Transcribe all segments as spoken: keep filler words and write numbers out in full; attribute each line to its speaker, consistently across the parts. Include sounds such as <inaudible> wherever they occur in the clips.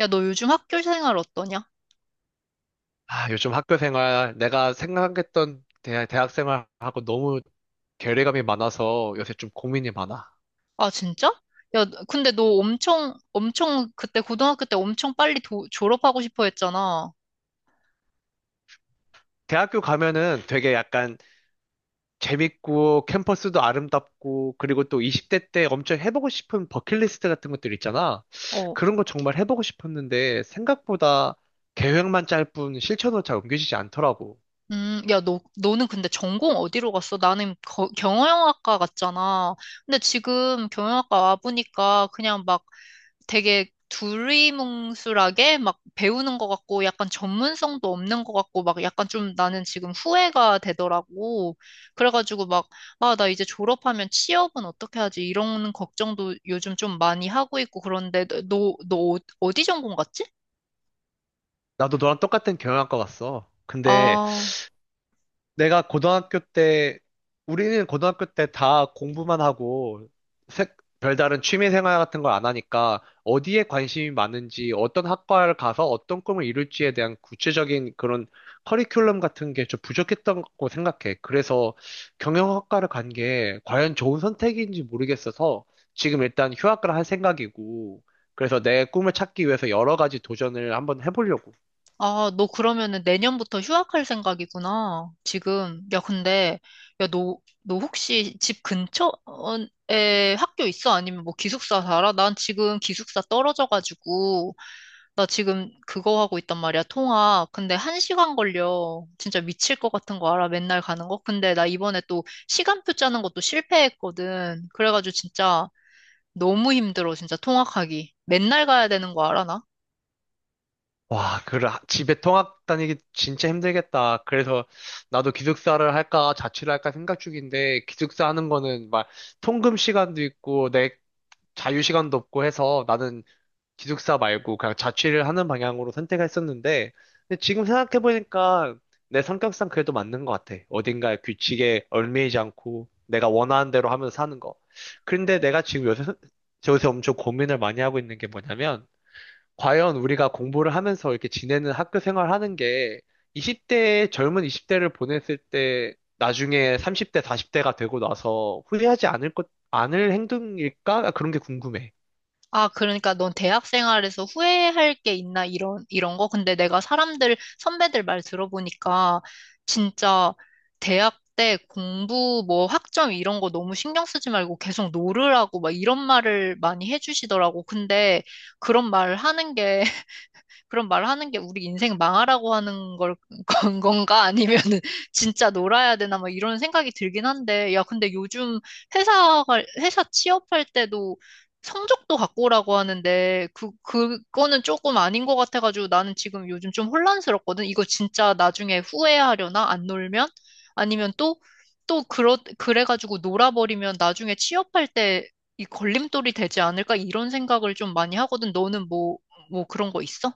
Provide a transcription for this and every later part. Speaker 1: 야, 너 요즘 학교 생활 어떠냐?
Speaker 2: 아, 요즘 학교 생활, 내가 생각했던 대, 대학 생활하고 너무 괴리감이 많아서 요새 좀 고민이 많아.
Speaker 1: 아, 진짜? 야, 근데 너 엄청, 엄청, 그때 고등학교 때 엄청 빨리 도- 졸업하고 싶어 했잖아.
Speaker 2: 대학교 가면은 되게 약간 재밌고 캠퍼스도 아름답고 그리고 또 이십 대 때 엄청 해보고 싶은 버킷리스트 같은 것들 있잖아.
Speaker 1: 어,
Speaker 2: 그런 거 정말 해보고 싶었는데 생각보다 계획만 짤 뿐 실천으로 잘 옮겨지지 않더라고.
Speaker 1: 음, 야, 너, 너는 근데 전공 어디로 갔어? 나는 거- 경영학과 갔잖아. 근데 지금 경영학과 와보니까 그냥 막 되게 두리뭉술하게 막 배우는 것 같고 약간 전문성도 없는 것 같고 막 약간 좀 나는 지금 후회가 되더라고. 그래가지고 막, 아, 나 이제 졸업하면 취업은 어떻게 하지? 이런 걱정도 요즘 좀 많이 하고 있고 그런데 너, 너 어- 어디 전공 갔지?
Speaker 2: 나도 너랑 똑같은 경영학과 갔어. 근데
Speaker 1: 아,
Speaker 2: 내가 고등학교 때, 우리는 고등학교 때 다 공부만 하고, 색- 별다른 취미 생활 같은 걸 안 하니까, 어디에 관심이 많은지, 어떤 학과를 가서 어떤 꿈을 이룰지에 대한 구체적인 그런 커리큘럼 같은 게 좀 부족했던 거 생각해. 그래서 경영학과를 간 게 과연 좋은 선택인지 모르겠어서, 지금 일단 휴학을 할 생각이고, 그래서 내 꿈을 찾기 위해서 여러 가지 도전을 한번 해보려고.
Speaker 1: 아, 너 그러면은 내년부터 휴학할 생각이구나. 지금. 야, 근데, 야, 너, 너 혹시 집 근처에 학교 있어? 아니면 뭐 기숙사 살아? 난 지금 기숙사 떨어져가지고, 나 지금 그거 하고 있단 말이야, 통학. 근데 한 시간 걸려. 진짜 미칠 것 같은 거 알아? 맨날 가는 거? 근데 나 이번에 또 시간표 짜는 것도 실패했거든. 그래가지고 진짜 너무 힘들어, 진짜 통학하기. 맨날 가야 되는 거 알아, 나?
Speaker 2: 와, 그 집에 통학 다니기 진짜 힘들겠다. 그래서 나도 기숙사를 할까 자취를 할까 생각 중인데, 기숙사 하는 거는 막 통금 시간도 있고 내 자유 시간도 없고 해서 나는 기숙사 말고 그냥 자취를 하는 방향으로 생각했었는데, 근데 지금 생각해 보니까 내 성격상 그래도 맞는 것 같아. 어딘가에 규칙에 얽매이지 않고 내가 원하는 대로 하면서 사는 거. 그런데 내가 지금 요새 요새 엄청 고민을 많이 하고 있는 게 뭐냐면, 과연 우리가 공부를 하면서 이렇게 지내는 학교 생활하는 게 이십 대, 젊은 이십 대를 보냈을 때 나중에 삼십 대, 사십 대가 되고 나서 후회하지 않을 것, 않을 행동일까? 그런 게 궁금해.
Speaker 1: 아, 그러니까 넌 대학 생활에서 후회할 게 있나 이런 이런 거? 근데 내가 사람들 선배들 말 들어보니까 진짜 대학 때 공부 뭐 학점 이런 거 너무 신경 쓰지 말고 계속 놀으라고 막 이런 말을 많이 해주시더라고. 근데 그런 말 하는 게 그런 말 하는 게 우리 인생 망하라고 하는 걸, <laughs> 건 건가? 아니면은 <laughs> 진짜 놀아야 되나? 막 이런 생각이 들긴 한데, 야, 근데 요즘 회사가, 회사 취업할 때도 성적도 갖고 오라고 하는데, 그, 그거는 조금 아닌 것 같아가지고 나는 지금 요즘 좀 혼란스럽거든? 이거 진짜 나중에 후회하려나? 안 놀면? 아니면 또, 또, 그러, 그래가지고 놀아버리면 나중에 취업할 때 이 걸림돌이 되지 않을까? 이런 생각을 좀 많이 하거든. 너는 뭐, 뭐 그런 거 있어?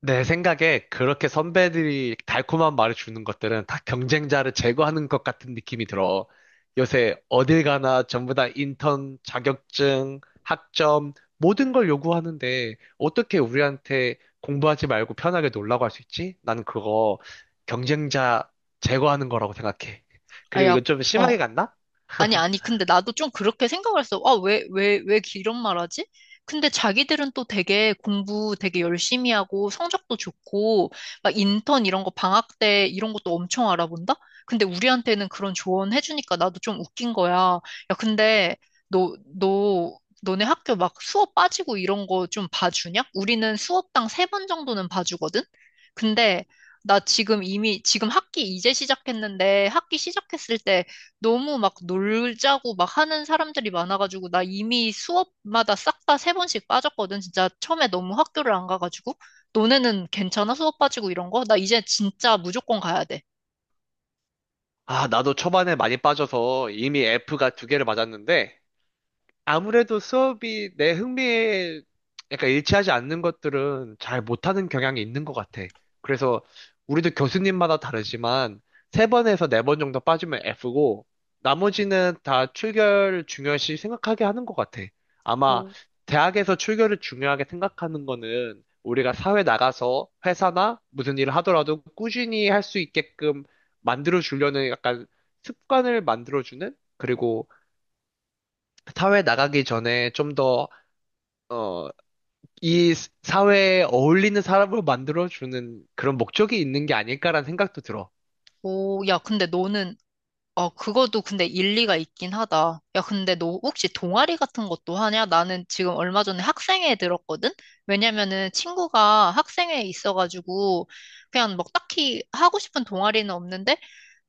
Speaker 2: 내 생각에 그렇게 선배들이 달콤한 말을 주는 것들은 다 경쟁자를 제거하는 것 같은 느낌이 들어. 요새 어딜 가나 전부 다 인턴, 자격증, 학점, 모든 걸 요구하는데 어떻게 우리한테 공부하지 말고 편하게 놀라고 할 수 있지? 나는 그거 경쟁자 제거하는 거라고 생각해.
Speaker 1: 아,
Speaker 2: 그리고
Speaker 1: 야,
Speaker 2: 이건 좀
Speaker 1: 어.
Speaker 2: 심하게 갔나?
Speaker 1: 아니, 아니, 근데 나도 좀 그렇게 생각을 했어. 아, 왜, 왜, 왜 이런 말 하지? 근데 자기들은 또 되게 공부 되게 열심히 하고 성적도 좋고, 막 인턴 이런 거 방학 때 이런 것도 엄청 알아본다? 근데 우리한테는 그런 조언 해주니까 나도 좀 웃긴 거야. 야, 근데 너, 너, 너네 학교 막 수업 빠지고 이런 거 좀 봐주냐? 우리는 수업당 세 번 정도는 봐주거든? 근데 나 지금 이미, 지금 학기 이제 시작했는데 학기 시작했을 때 너무 막 놀자고 막 하는 사람들이 많아가지고 나 이미 수업마다 싹 다 세 번씩 빠졌거든. 진짜 처음에 너무 학교를 안 가가지고 너네는 괜찮아? 수업 빠지고 이런 거? 나 이제 진짜 무조건 가야 돼.
Speaker 2: 아, 나도 초반에 많이 빠져서 이미 F가 두 개를 맞았는데, 아무래도 수업이 내 흥미에 약간 일치하지 않는 것들은 잘 못하는 경향이 있는 것 같아. 그래서 우리도 교수님마다 다르지만 세 번에서 네 번 정도 빠지면 F고 나머지는 다 출결을 중요시 생각하게 하는 것 같아. 아마
Speaker 1: 오,
Speaker 2: 대학에서 출결을 중요하게 생각하는 거는 우리가 사회 나가서 회사나 무슨 일을 하더라도 꾸준히 할 수 있게끔 만들어 주려는, 약간 습관을 만들어 주는, 그리고 사회 나가기 전에 좀 더, 어, 이 스- 사회에 어울리는 사람으로 만들어주는 그런 목적이 있는 게 아닐까라는 생각도 들어.
Speaker 1: 오, 야, 근데 너는 어, 그것도 근데 일리가 있긴 하다. 야, 근데 너 혹시 동아리 같은 것도 하냐? 나는 지금 얼마 전에 학생회에 들었거든? 왜냐면은 친구가 학생회에 있어가지고 그냥 막 딱히 하고 싶은 동아리는 없는데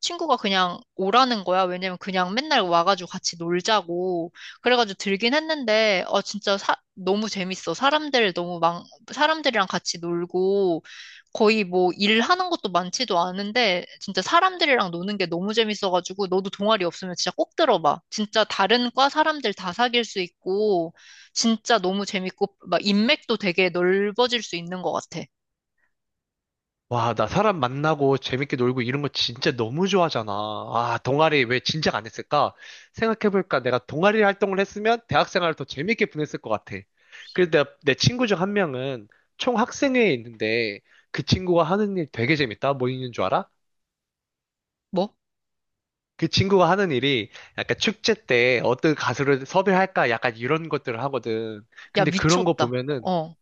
Speaker 1: 친구가 그냥 오라는 거야. 왜냐면 그냥 맨날 와가지고 같이 놀자고. 그래가지고 들긴 했는데, 어, 진짜 사- 너무 재밌어. 사람들 너무 막, 사람들이랑 같이 놀고. 거의 뭐 일하는 것도 많지도 않은데 진짜 사람들이랑 노는 게 너무 재밌어가지고 너도 동아리 없으면 진짜 꼭 들어봐. 진짜 다른 과 사람들 다 사귈 수 있고 진짜 너무 재밌고 막 인맥도 되게 넓어질 수 있는 것 같아.
Speaker 2: 와, 나 사람 만나고 재밌게 놀고 이런 거 진짜 너무 좋아하잖아. 아, 동아리 왜 진작 안 했을까? 생각해볼까? 내가 동아리 활동을 했으면 대학 생활을 더 재밌게 보냈을 것 같아. 그래서 내가- 내 친구 중 한 명은 총학생회에 있는데, 그 친구가 하는 일 되게 재밌다. 뭐 있는 줄 알아?
Speaker 1: 뭐?
Speaker 2: 그 친구가 하는 일이 약간 축제 때 어떤 가수를 섭외할까, 약간 이런 것들을 하거든.
Speaker 1: 야,
Speaker 2: 근데 그런 거
Speaker 1: 미쳤다.
Speaker 2: 보면은
Speaker 1: 어,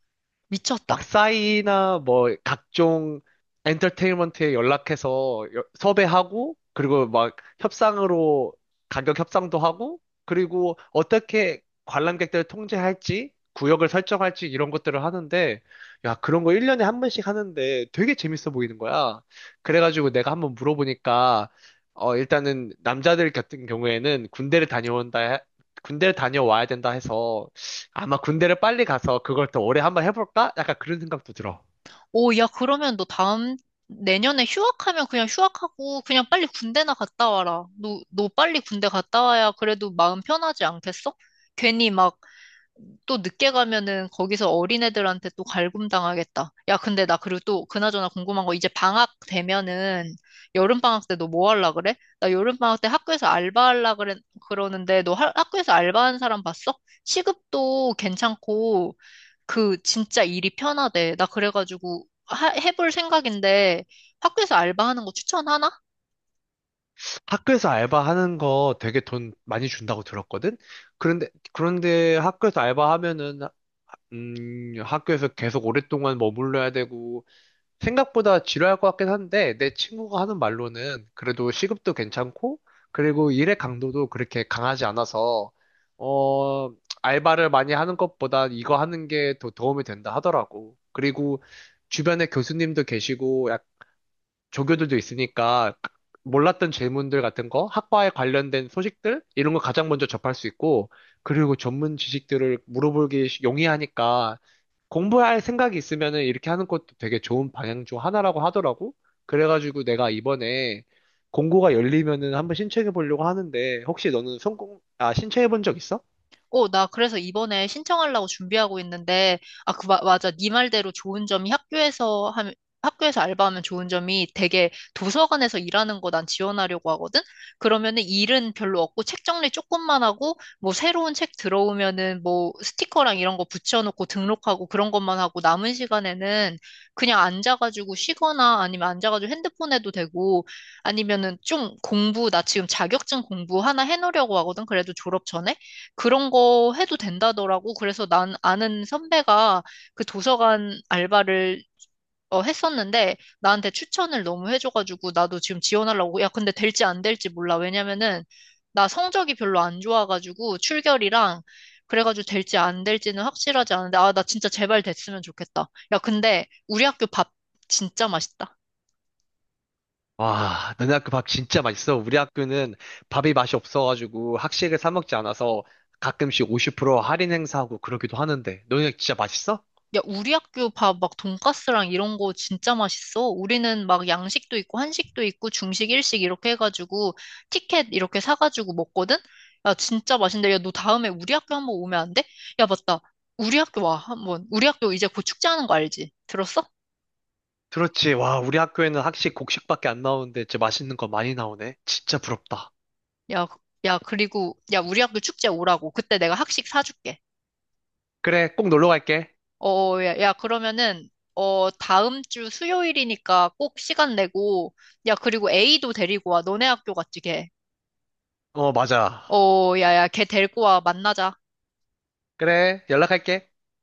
Speaker 2: 막
Speaker 1: 미쳤다.
Speaker 2: 싸이나 뭐 각종 엔터테인먼트에 연락해서 여- 섭외하고, 그리고 막 협상으로 가격 협상도 하고, 그리고 어떻게 관람객들을 통제할지, 구역을 설정할지 이런 것들을 하는데, 야, 그런 거 일 년에 한 번씩 하는데 되게 재밌어 보이는 거야. 그래가지고 내가 한번 물어보니까, 어, 일단은 남자들 같은 경우에는 군대를 다녀온다 해- 군대를 다녀와야 된다 해서, 아마 군대를 빨리 가서 그걸 더 오래 한번 해볼까? 약간 그런 생각도 들어.
Speaker 1: 오, 야, 그러면 너 다음 내년에 휴학하면 그냥 휴학하고 그냥 빨리 군대나 갔다 와라. 너 너 빨리 군대 갔다 와야 그래도 마음 편하지 않겠어? 괜히 막 또 늦게 가면은 거기서 어린애들한테 또 갈굼당하겠다. 야, 근데 나 그리고 또 그나저나 궁금한 거 이제 방학 되면은 여름방학 때 너 뭐 할라 그래? 나 여름방학 때 학교에서 알바할라 그래, 그러는데 너 하- 학교에서 알바한 사람 봤어? 시급도 괜찮고 그 진짜 일이 편하대. 나 그래가지고 하- 해볼 생각인데 학교에서 알바하는 거 추천하나?
Speaker 2: 학교에서 알바하는 거 되게 돈 많이 준다고 들었거든? 그런데, 그런데 학교에서 알바하면은, 음, 학교에서 계속 오랫동안 머물러야 되고, 생각보다 지루할 것 같긴 한데, 내 친구가 하는 말로는 그래도 시급도 괜찮고, 그리고 일의 강도도 그렇게 강하지 않아서, 어, 알바를 많이 하는 것보다 이거 하는 게 더 도움이 된다 하더라고. 그리고 주변에 교수님도 계시고, 조교들도 있으니까 몰랐던 질문들 같은 거, 학과에 관련된 소식들 이런 거 가장 먼저 접할 수 있고, 그리고 전문 지식들을 물어보기 쉬- 용이하니까 공부할 생각이 있으면은 이렇게 하는 것도 되게 좋은 방향 중 하나라고 하더라고. 그래가지고 내가 이번에 공고가 열리면은 한번 신청해 보려고 하는데, 혹시 너는 성공 아 신청해 본 적 있어?
Speaker 1: 어, 나 그래서 이번에 신청하려고 준비하고 있는데, 아, 그, 마- 맞아. 네 말대로 좋은 점이 학교에서 하면, 학교에서 알바하면 좋은 점이 되게 도서관에서 일하는 거 난 지원하려고 하거든? 그러면은 일은 별로 없고 책 정리 조금만 하고, 뭐 새로운 책 들어오면은 뭐 스티커랑 이런 거 붙여놓고 등록하고 그런 것만 하고 남은 시간에는 그냥 앉아가지고 쉬거나 아니면 앉아가지고 핸드폰 해도 되고, 아니면은 좀 공부, 나 지금 자격증 공부 하나 해놓으려고 하거든? 그래도 졸업 전에? 그런 거 해도 된다더라고. 그래서 난 아는 선배가 그 도서관 알바를 어, 했었는데 나한테 추천을 너무 해줘가지고 나도 지금 지원하려고. 야, 근데 될지 안 될지 몰라. 왜냐면은 나 성적이 별로 안 좋아가지고 출결이랑 그래가지고 될지 안 될지는 확실하지 않은데 아, 나 진짜 제발 됐으면 좋겠다. 야, 근데 우리 학교 밥 진짜 맛있다.
Speaker 2: 와, 너네 학교 밥 진짜 맛있어. 우리 학교는 밥이 맛이 없어가지고 학식을 사 먹지 않아서 가끔씩 오십 프로 할인 행사하고 그러기도 하는데, 너네 진짜 맛있어?
Speaker 1: 야, 우리 학교 밥 막 돈가스랑 이런 거 진짜 맛있어. 우리는 막 양식도 있고 한식도 있고 중식, 일식 이렇게 해가지고 티켓 이렇게 사가지고 먹거든? 야, 진짜 맛있는데. 야, 너 다음에 우리 학교 한번 오면 안 돼? 야, 맞다. 우리 학교 와, 한번. 우리 학교 이제 곧 축제하는 거 알지? 들었어?
Speaker 2: 그렇지. 와, 우리 학교에는 학식 곡식밖에 안 나오는데 진짜 맛있는 거 많이 나오네. 진짜 부럽다.
Speaker 1: 야, 그- 야, 그리고, 야, 우리 학교 축제 오라고. 그때 내가 학식 사줄게.
Speaker 2: 그래, 꼭 놀러 갈게.
Speaker 1: 어, 어, 야, 야, 그러면은, 어, 다음 주 수요일이니까 꼭 시간 내고, 야, 그리고 A도 데리고 와. 너네 학교 같지, 걔.
Speaker 2: 어, 맞아.
Speaker 1: 어, 야야, 걔 데리고 와, 만나자.
Speaker 2: 그래, 연락할게.